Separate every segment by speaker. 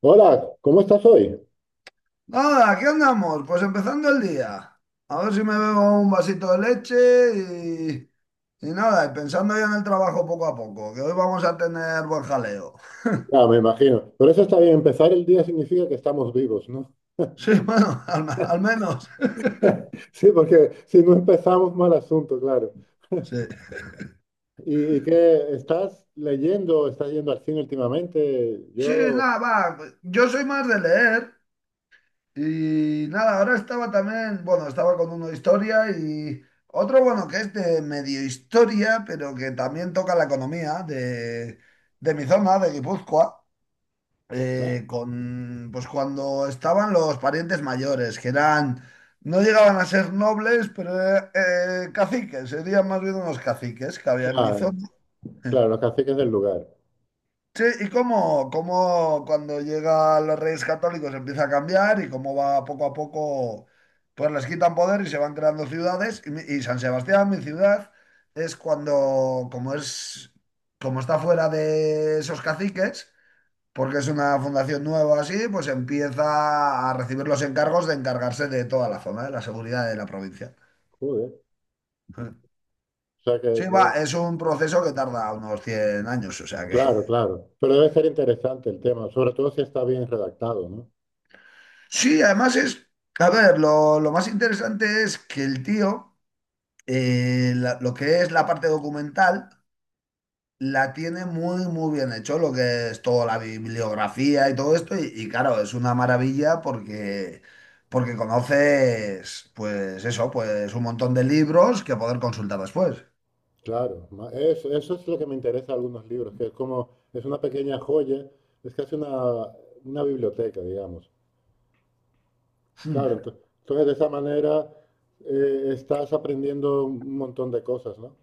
Speaker 1: Hola, ¿cómo estás hoy?
Speaker 2: Nada, aquí andamos, pues empezando el día. A ver si me bebo un vasito de leche y nada, y pensando ya en el trabajo poco a poco, que hoy vamos a tener buen jaleo.
Speaker 1: Ah, me imagino. Por eso está bien, empezar el día significa que estamos vivos, ¿no?
Speaker 2: Sí, bueno, al menos.
Speaker 1: Sí, porque si no empezamos, mal asunto, claro.
Speaker 2: Sí.
Speaker 1: ¿Y qué estás leyendo? ¿Estás yendo al cine últimamente?
Speaker 2: Sí,
Speaker 1: Yo...
Speaker 2: nada, va. Yo soy más de leer y nada, ahora estaba también, bueno, estaba con uno de historia y otro, bueno, que es de medio historia, pero que también toca la economía de mi zona, de Guipúzcoa.
Speaker 1: Ah,
Speaker 2: Con, pues cuando estaban los parientes mayores, que eran, no llegaban a ser nobles, pero caciques, serían más bien unos caciques que había en mi
Speaker 1: ah,
Speaker 2: zona.
Speaker 1: claro, los caciques del lugar.
Speaker 2: Sí, y cómo cuando llegan los Reyes Católicos empieza a cambiar y cómo va poco a poco, pues les quitan poder y se van creando ciudades. Y San Sebastián, mi ciudad, es cuando, como es, como está fuera de esos caciques, porque es una fundación nueva así, pues empieza a recibir los encargos de encargarse de toda la zona, de la seguridad de la provincia.
Speaker 1: Joder. O sea que,
Speaker 2: Sí, va, es un proceso que tarda unos 100 años, o sea que.
Speaker 1: Claro, claro. Pero debe ser interesante el tema, sobre todo si está bien redactado, ¿no?
Speaker 2: Sí, además es. A ver, lo más interesante es que el tío, lo que es la parte documental, la tiene muy, muy bien hecho, lo que es toda la bibliografía y todo esto. Y claro, es una maravilla porque conoces, pues eso, pues un montón de libros que poder consultar después.
Speaker 1: Claro. Eso, eso es lo que me interesa de algunos libros, que es como... Es una pequeña joya, es casi una biblioteca, digamos.
Speaker 2: Hmm.
Speaker 1: Claro, entonces de esa manera estás aprendiendo un montón de cosas, ¿no?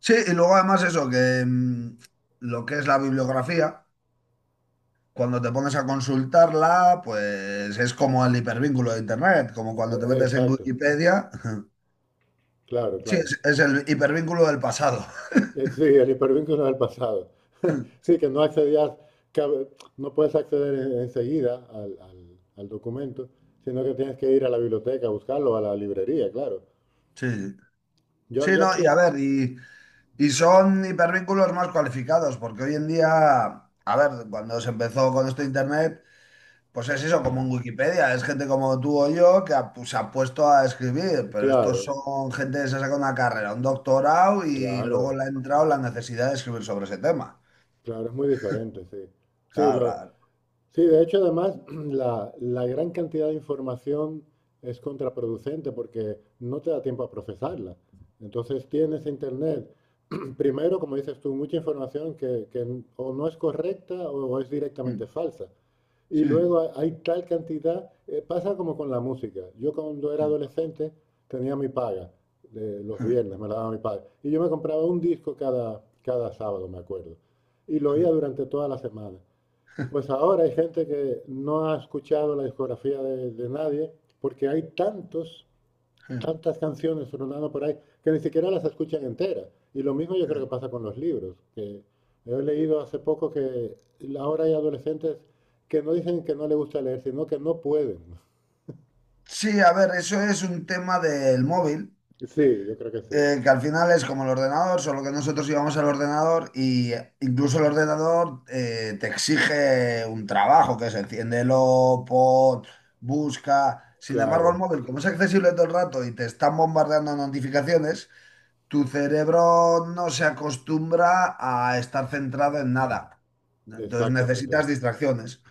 Speaker 2: Sí, y luego además eso, que lo que es la bibliografía, cuando te pones a consultarla, pues es como el hipervínculo de Internet, como cuando te metes en
Speaker 1: Exacto,
Speaker 2: Wikipedia.
Speaker 1: claro,
Speaker 2: Sí,
Speaker 1: claro.
Speaker 2: es el hipervínculo del pasado.
Speaker 1: Sí, el hipervínculo del pasado. Sí, que no accedías, que no puedes acceder enseguida al, al documento, sino que tienes que ir a la biblioteca a buscarlo, o a la librería, claro.
Speaker 2: Sí,
Speaker 1: Yo,
Speaker 2: sí,
Speaker 1: yo
Speaker 2: no, y a
Speaker 1: aquí,
Speaker 2: ver, y son hipervínculos más cualificados, porque hoy en día, a ver, cuando se empezó con esto de Internet, pues es eso, como en Wikipedia, es gente como tú o yo que pues, se ha puesto a escribir, pero estos
Speaker 1: claro,
Speaker 2: son gente que se ha sacado una carrera, un doctorado y luego
Speaker 1: claro,
Speaker 2: le ha entrado la necesidad de escribir sobre ese tema.
Speaker 1: claro, es muy diferente, sí. Sí,
Speaker 2: Claro,
Speaker 1: lo,
Speaker 2: la-
Speaker 1: Sí, de hecho, además, la gran cantidad de información es contraproducente porque no te da tiempo a procesarla. Entonces tienes internet, primero, como dices tú, mucha información que o no es correcta o es directamente falsa. Y
Speaker 2: Sí.
Speaker 1: luego hay tal cantidad, pasa como con la música. Yo cuando era adolescente tenía mi paga, de los viernes me la daba mi padre, y yo me compraba un disco cada, cada sábado, me acuerdo. Y lo oía durante toda la semana. Pues ahora hay gente que no ha escuchado la discografía de nadie porque hay tantos, tantas canciones sonando por ahí que ni siquiera las escuchan enteras. Y lo mismo yo creo que pasa con los libros, que yo he leído hace poco que ahora hay adolescentes que no dicen que no les gusta leer, sino que no pueden.
Speaker 2: Sí, a ver, eso es un tema del móvil.
Speaker 1: Sí, yo creo que sí.
Speaker 2: Que al final es como el ordenador, solo que nosotros íbamos al ordenador y incluso el ordenador te exige un trabajo, que es enciéndelo, pon, busca. Sin embargo,
Speaker 1: Claro,
Speaker 2: el móvil, como es accesible todo el rato y te están bombardeando notificaciones, tu cerebro no se acostumbra a estar centrado en nada. Entonces necesitas
Speaker 1: exactamente.
Speaker 2: distracciones.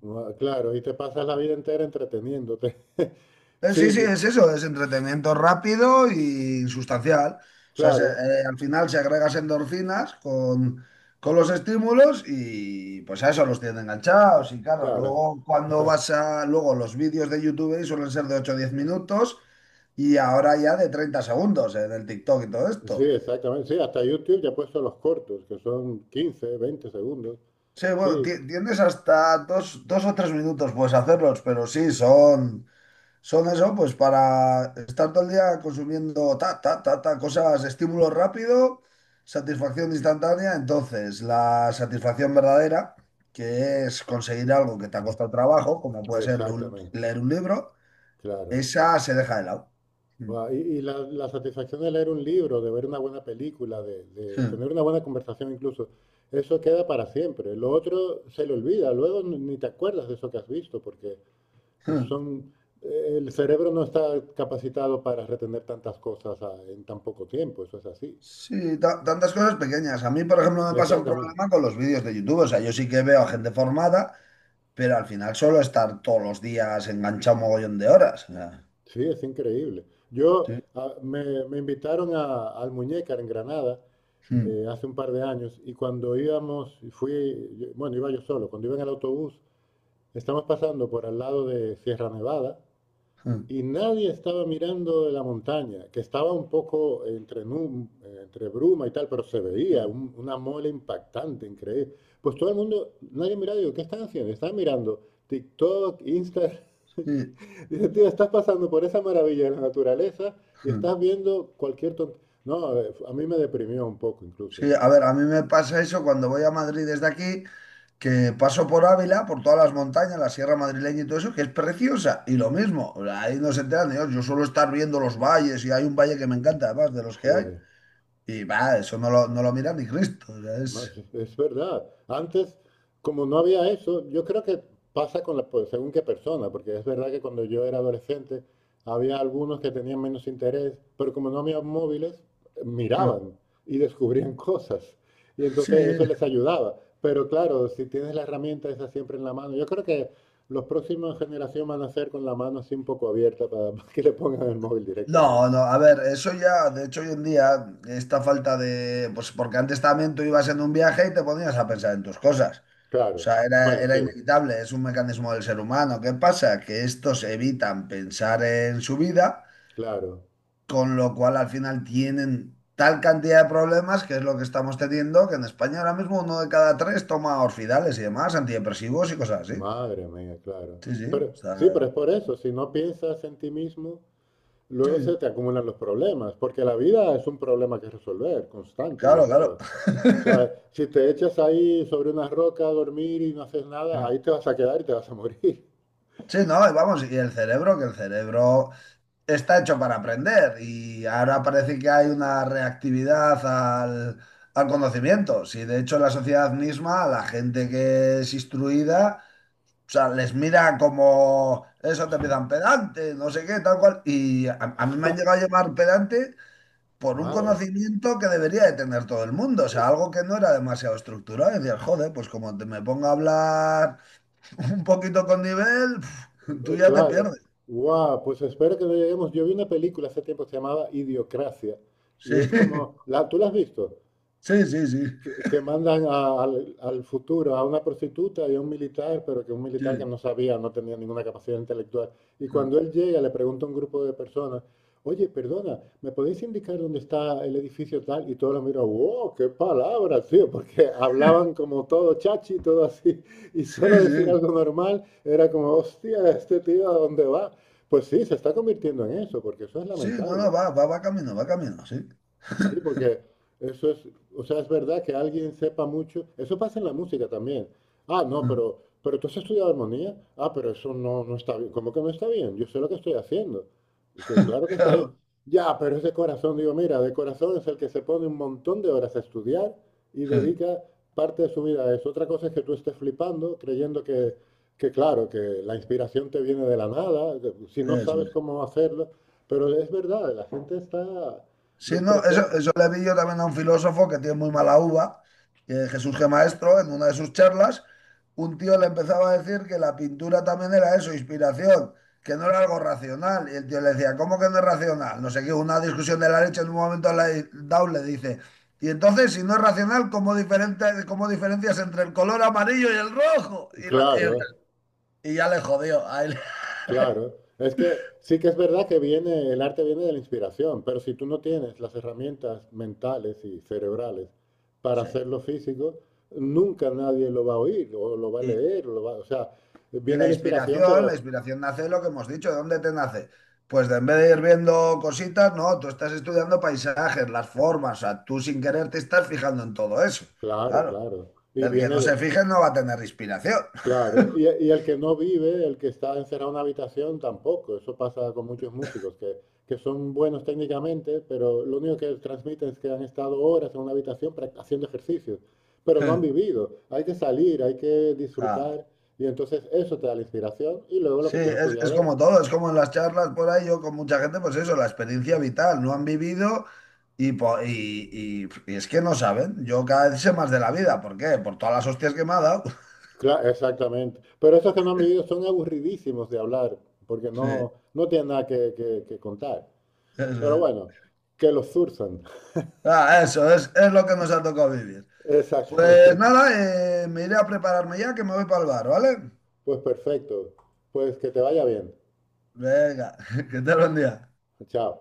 Speaker 1: No, claro, y te pasas la vida entera entreteniéndote.
Speaker 2: Sí,
Speaker 1: Sí,
Speaker 2: sí, es eso, es entretenimiento rápido y sustancial. O sea,
Speaker 1: claro,
Speaker 2: al final se agregas endorfinas con los estímulos y pues a eso los tienen enganchados. Y claro,
Speaker 1: claro.
Speaker 2: luego cuando
Speaker 1: Está-
Speaker 2: luego los vídeos de YouTube ahí suelen ser de ocho o 10 minutos y ahora ya de 30 segundos en el TikTok y todo
Speaker 1: Sí,
Speaker 2: esto.
Speaker 1: exactamente. Sí, hasta YouTube ya ha puesto los cortos, que son 15, 20 segundos.
Speaker 2: Sí, bueno,
Speaker 1: Sí,
Speaker 2: tienes hasta dos o tres minutos, puedes hacerlos, pero sí, son. Son eso, pues para estar todo el día consumiendo ta, ta, ta, ta, cosas, estímulo rápido, satisfacción instantánea. Entonces, la satisfacción verdadera, que es conseguir algo que te ha costado trabajo, como puede ser
Speaker 1: exactamente.
Speaker 2: leer un libro,
Speaker 1: Claro.
Speaker 2: esa se deja de lado.
Speaker 1: Guau, y la, la satisfacción de leer un libro, de ver una buena película, de tener una buena conversación incluso, eso queda para siempre. Lo otro se le olvida, luego ni te acuerdas de eso que has visto, porque son, el cerebro no está capacitado para retener tantas cosas en tan poco tiempo, eso es así.
Speaker 2: Sí, tantas cosas pequeñas. A mí, por ejemplo, me pasa un
Speaker 1: Exactamente.
Speaker 2: problema con los vídeos de YouTube. O sea, yo sí que veo a gente formada, pero al final solo estar todos los días enganchado un mogollón de horas. O sea,
Speaker 1: Sí, es increíble. Yo
Speaker 2: sí.
Speaker 1: me, me invitaron a, al Muñécar en Granada
Speaker 2: Hmm.
Speaker 1: hace un par de años y cuando íbamos, y fui, bueno, iba yo solo, cuando iba en el autobús, estamos pasando por al lado de Sierra Nevada
Speaker 2: Hmm.
Speaker 1: y nadie estaba mirando la montaña, que estaba un poco entre, entre bruma y tal, pero se veía
Speaker 2: Mm,
Speaker 1: una mole impactante, increíble. Pues todo el mundo, nadie miraba, digo, ¿qué están haciendo? Están mirando TikTok, Instagram.
Speaker 2: sí,
Speaker 1: Dice, tío, estás pasando por esa maravilla de la naturaleza y
Speaker 2: mm,
Speaker 1: estás viendo cualquier tontería. No, a mí me deprimió un poco incluso, ¿eh?
Speaker 2: sí, a ver, a mí me pasa eso cuando voy a Madrid desde aquí, que paso por Ávila, por todas las montañas, la sierra madrileña y todo eso, que es preciosa. Y lo mismo, o sea, ahí no se enteran de Dios, yo suelo estar viendo los valles y hay un valle que me encanta, además de los que hay.
Speaker 1: Joder.
Speaker 2: Y va, eso no lo, no lo mira ni Cristo. O sea,
Speaker 1: Más,
Speaker 2: es.
Speaker 1: es verdad. Antes, como no había eso, yo creo que pasa con la, pues, según qué persona, porque es verdad que cuando yo era adolescente había algunos que tenían menos interés, pero como no había móviles, miraban y descubrían cosas. Y
Speaker 2: Sí,
Speaker 1: entonces eso les ayudaba. Pero claro, si tienes la herramienta esa siempre en la mano, yo creo que los próximos generación van a ser con la mano así un poco abierta para, para que le pongan el móvil
Speaker 2: no,
Speaker 1: directamente.
Speaker 2: no, a ver, eso ya, de hecho hoy en día, esta falta de, pues porque antes también tú ibas en un viaje y te ponías a pensar en tus cosas. O
Speaker 1: Claro.
Speaker 2: sea, era,
Speaker 1: Bueno,
Speaker 2: era
Speaker 1: sí,
Speaker 2: inevitable, es un mecanismo del ser humano. ¿Qué pasa? Que estos evitan pensar en su vida,
Speaker 1: claro.
Speaker 2: con lo cual al final tienen tal cantidad de problemas, que es lo que estamos teniendo, que en España ahora mismo uno de cada tres toma orfidales y demás, antidepresivos y cosas así.
Speaker 1: Madre mía, claro.
Speaker 2: Sí, sí,
Speaker 1: Pero
Speaker 2: o sea,
Speaker 1: sí, pero es por eso, si no piensas en ti mismo,
Speaker 2: sí,
Speaker 1: luego se
Speaker 2: sí,
Speaker 1: te acumulan los problemas, porque la vida es un problema que resolver, constante, yo
Speaker 2: claro,
Speaker 1: creo.
Speaker 2: claro.
Speaker 1: O sea, si te echas ahí sobre una roca a dormir y no haces nada, ahí te vas a quedar y te vas a morir.
Speaker 2: Sí, no, y vamos, y el cerebro, que el cerebro está hecho para aprender y ahora parece que hay una reactividad al, al conocimiento. Si de hecho la sociedad misma, la gente que es instruida, o sea, les mira como eso te empiezan pedante, no sé qué, tal cual. Y a mí me han llegado a llamar pedante por un
Speaker 1: Madre.
Speaker 2: conocimiento que debería de tener todo el mundo, o sea, algo que no era demasiado estructurado. Y decías, joder, pues como te me ponga a hablar un poquito con nivel, tú ya te
Speaker 1: Claro.
Speaker 2: pierdes.
Speaker 1: Guau, pues espero que no lleguemos. Yo vi una película hace tiempo que se llamaba Idiocracia
Speaker 2: Sí,
Speaker 1: y es como, ¿la, tú la has visto?
Speaker 2: sí, sí, sí,
Speaker 1: Que mandan al, al futuro a una prostituta y a un militar, pero que un militar que
Speaker 2: sí,
Speaker 1: no sabía, no tenía ninguna capacidad intelectual. Y cuando él llega, le pregunta a un grupo de personas, oye, perdona, ¿me podéis indicar dónde está el edificio tal? Y todos lo miran, wow, qué palabra, tío, porque hablaban como todo chachi, todo así, y
Speaker 2: sí,
Speaker 1: solo decir
Speaker 2: sí,
Speaker 1: algo normal era como, hostia, este tío, ¿a dónde va? Pues sí, se está convirtiendo en eso, porque eso es
Speaker 2: sí, no, no,
Speaker 1: lamentable.
Speaker 2: va camino, sí.
Speaker 1: Sí, porque eso es, o sea, es verdad que alguien sepa mucho. Eso pasa en la música también. Ah, no, pero tú has estudiado armonía. Ah, pero eso no, no está bien. ¿Cómo que no está bien? Yo sé lo que estoy haciendo. Que claro que está bien.
Speaker 2: Claro,
Speaker 1: Ya, pero es de corazón. Digo, mira, de corazón es el que se pone un montón de horas a estudiar y
Speaker 2: sí,
Speaker 1: dedica parte de su vida a eso. Otra cosa es que tú estés flipando, creyendo que claro, que la inspiración te viene de la nada, que si no
Speaker 2: eso.
Speaker 1: sabes cómo hacerlo. Pero es verdad, la gente está
Speaker 2: Sí, no,
Speaker 1: despreciando.
Speaker 2: eso le vi yo también a un filósofo que tiene muy mala uva, que Jesús G. Maestro, en una de sus charlas, un tío le empezaba a decir que la pintura también era eso, inspiración, que no era algo racional. Y el tío le decía, ¿cómo que no es racional? No sé qué, una discusión de la leche en un momento la Dow le dice, y entonces, si no es racional, ¿cómo, diferente, cómo diferencias entre el color amarillo y el rojo? Y, la-
Speaker 1: Claro,
Speaker 2: y- y ya le jodió ahí él.
Speaker 1: claro. Es que sí que es verdad que viene, el arte viene de la inspiración, pero si tú no tienes las herramientas mentales y cerebrales para hacerlo físico, nunca nadie lo va a oír o lo va a
Speaker 2: Sí.
Speaker 1: leer, o, lo va, o sea,
Speaker 2: Y
Speaker 1: viene
Speaker 2: la
Speaker 1: la inspiración,
Speaker 2: inspiración, la
Speaker 1: pero
Speaker 2: inspiración nace de lo que hemos dicho, ¿de dónde te nace? Pues de en vez de ir viendo cositas, no, tú estás estudiando paisajes, las formas, o sea, tú sin querer te estás fijando en todo eso.
Speaker 1: claro,
Speaker 2: Claro,
Speaker 1: claro. Y
Speaker 2: el que
Speaker 1: viene
Speaker 2: no
Speaker 1: de,
Speaker 2: se fije no va a tener inspiración.
Speaker 1: claro, y el que no vive, el que está encerrado en una habitación, tampoco. Eso pasa con muchos músicos que son buenos técnicamente, pero lo único que transmiten es que han estado horas en una habitación haciendo ejercicios, pero no han vivido. Hay que salir, hay que
Speaker 2: Claro.
Speaker 1: disfrutar, y entonces eso te da la inspiración y luego lo que
Speaker 2: Sí,
Speaker 1: tú has
Speaker 2: es
Speaker 1: estudiado.
Speaker 2: como todo, es como en las charlas por ahí, yo con mucha gente, pues eso, la experiencia vital, no han vivido y es que no saben. Yo cada vez sé más de la vida, ¿por qué? Por todas las hostias que me ha dado.
Speaker 1: Claro, exactamente. Pero esos que no han vivido son aburridísimos de hablar, porque
Speaker 2: Sí,
Speaker 1: no, no tienen nada que, que contar.
Speaker 2: eso
Speaker 1: Pero
Speaker 2: es.
Speaker 1: bueno, que los zurzan.
Speaker 2: Ah, eso es lo que nos ha tocado vivir. Pues
Speaker 1: Exactamente.
Speaker 2: nada, me iré a prepararme ya que me voy para el bar, ¿vale?
Speaker 1: Pues perfecto. Pues que te vaya bien.
Speaker 2: Venga, que tal buen día.
Speaker 1: Chao.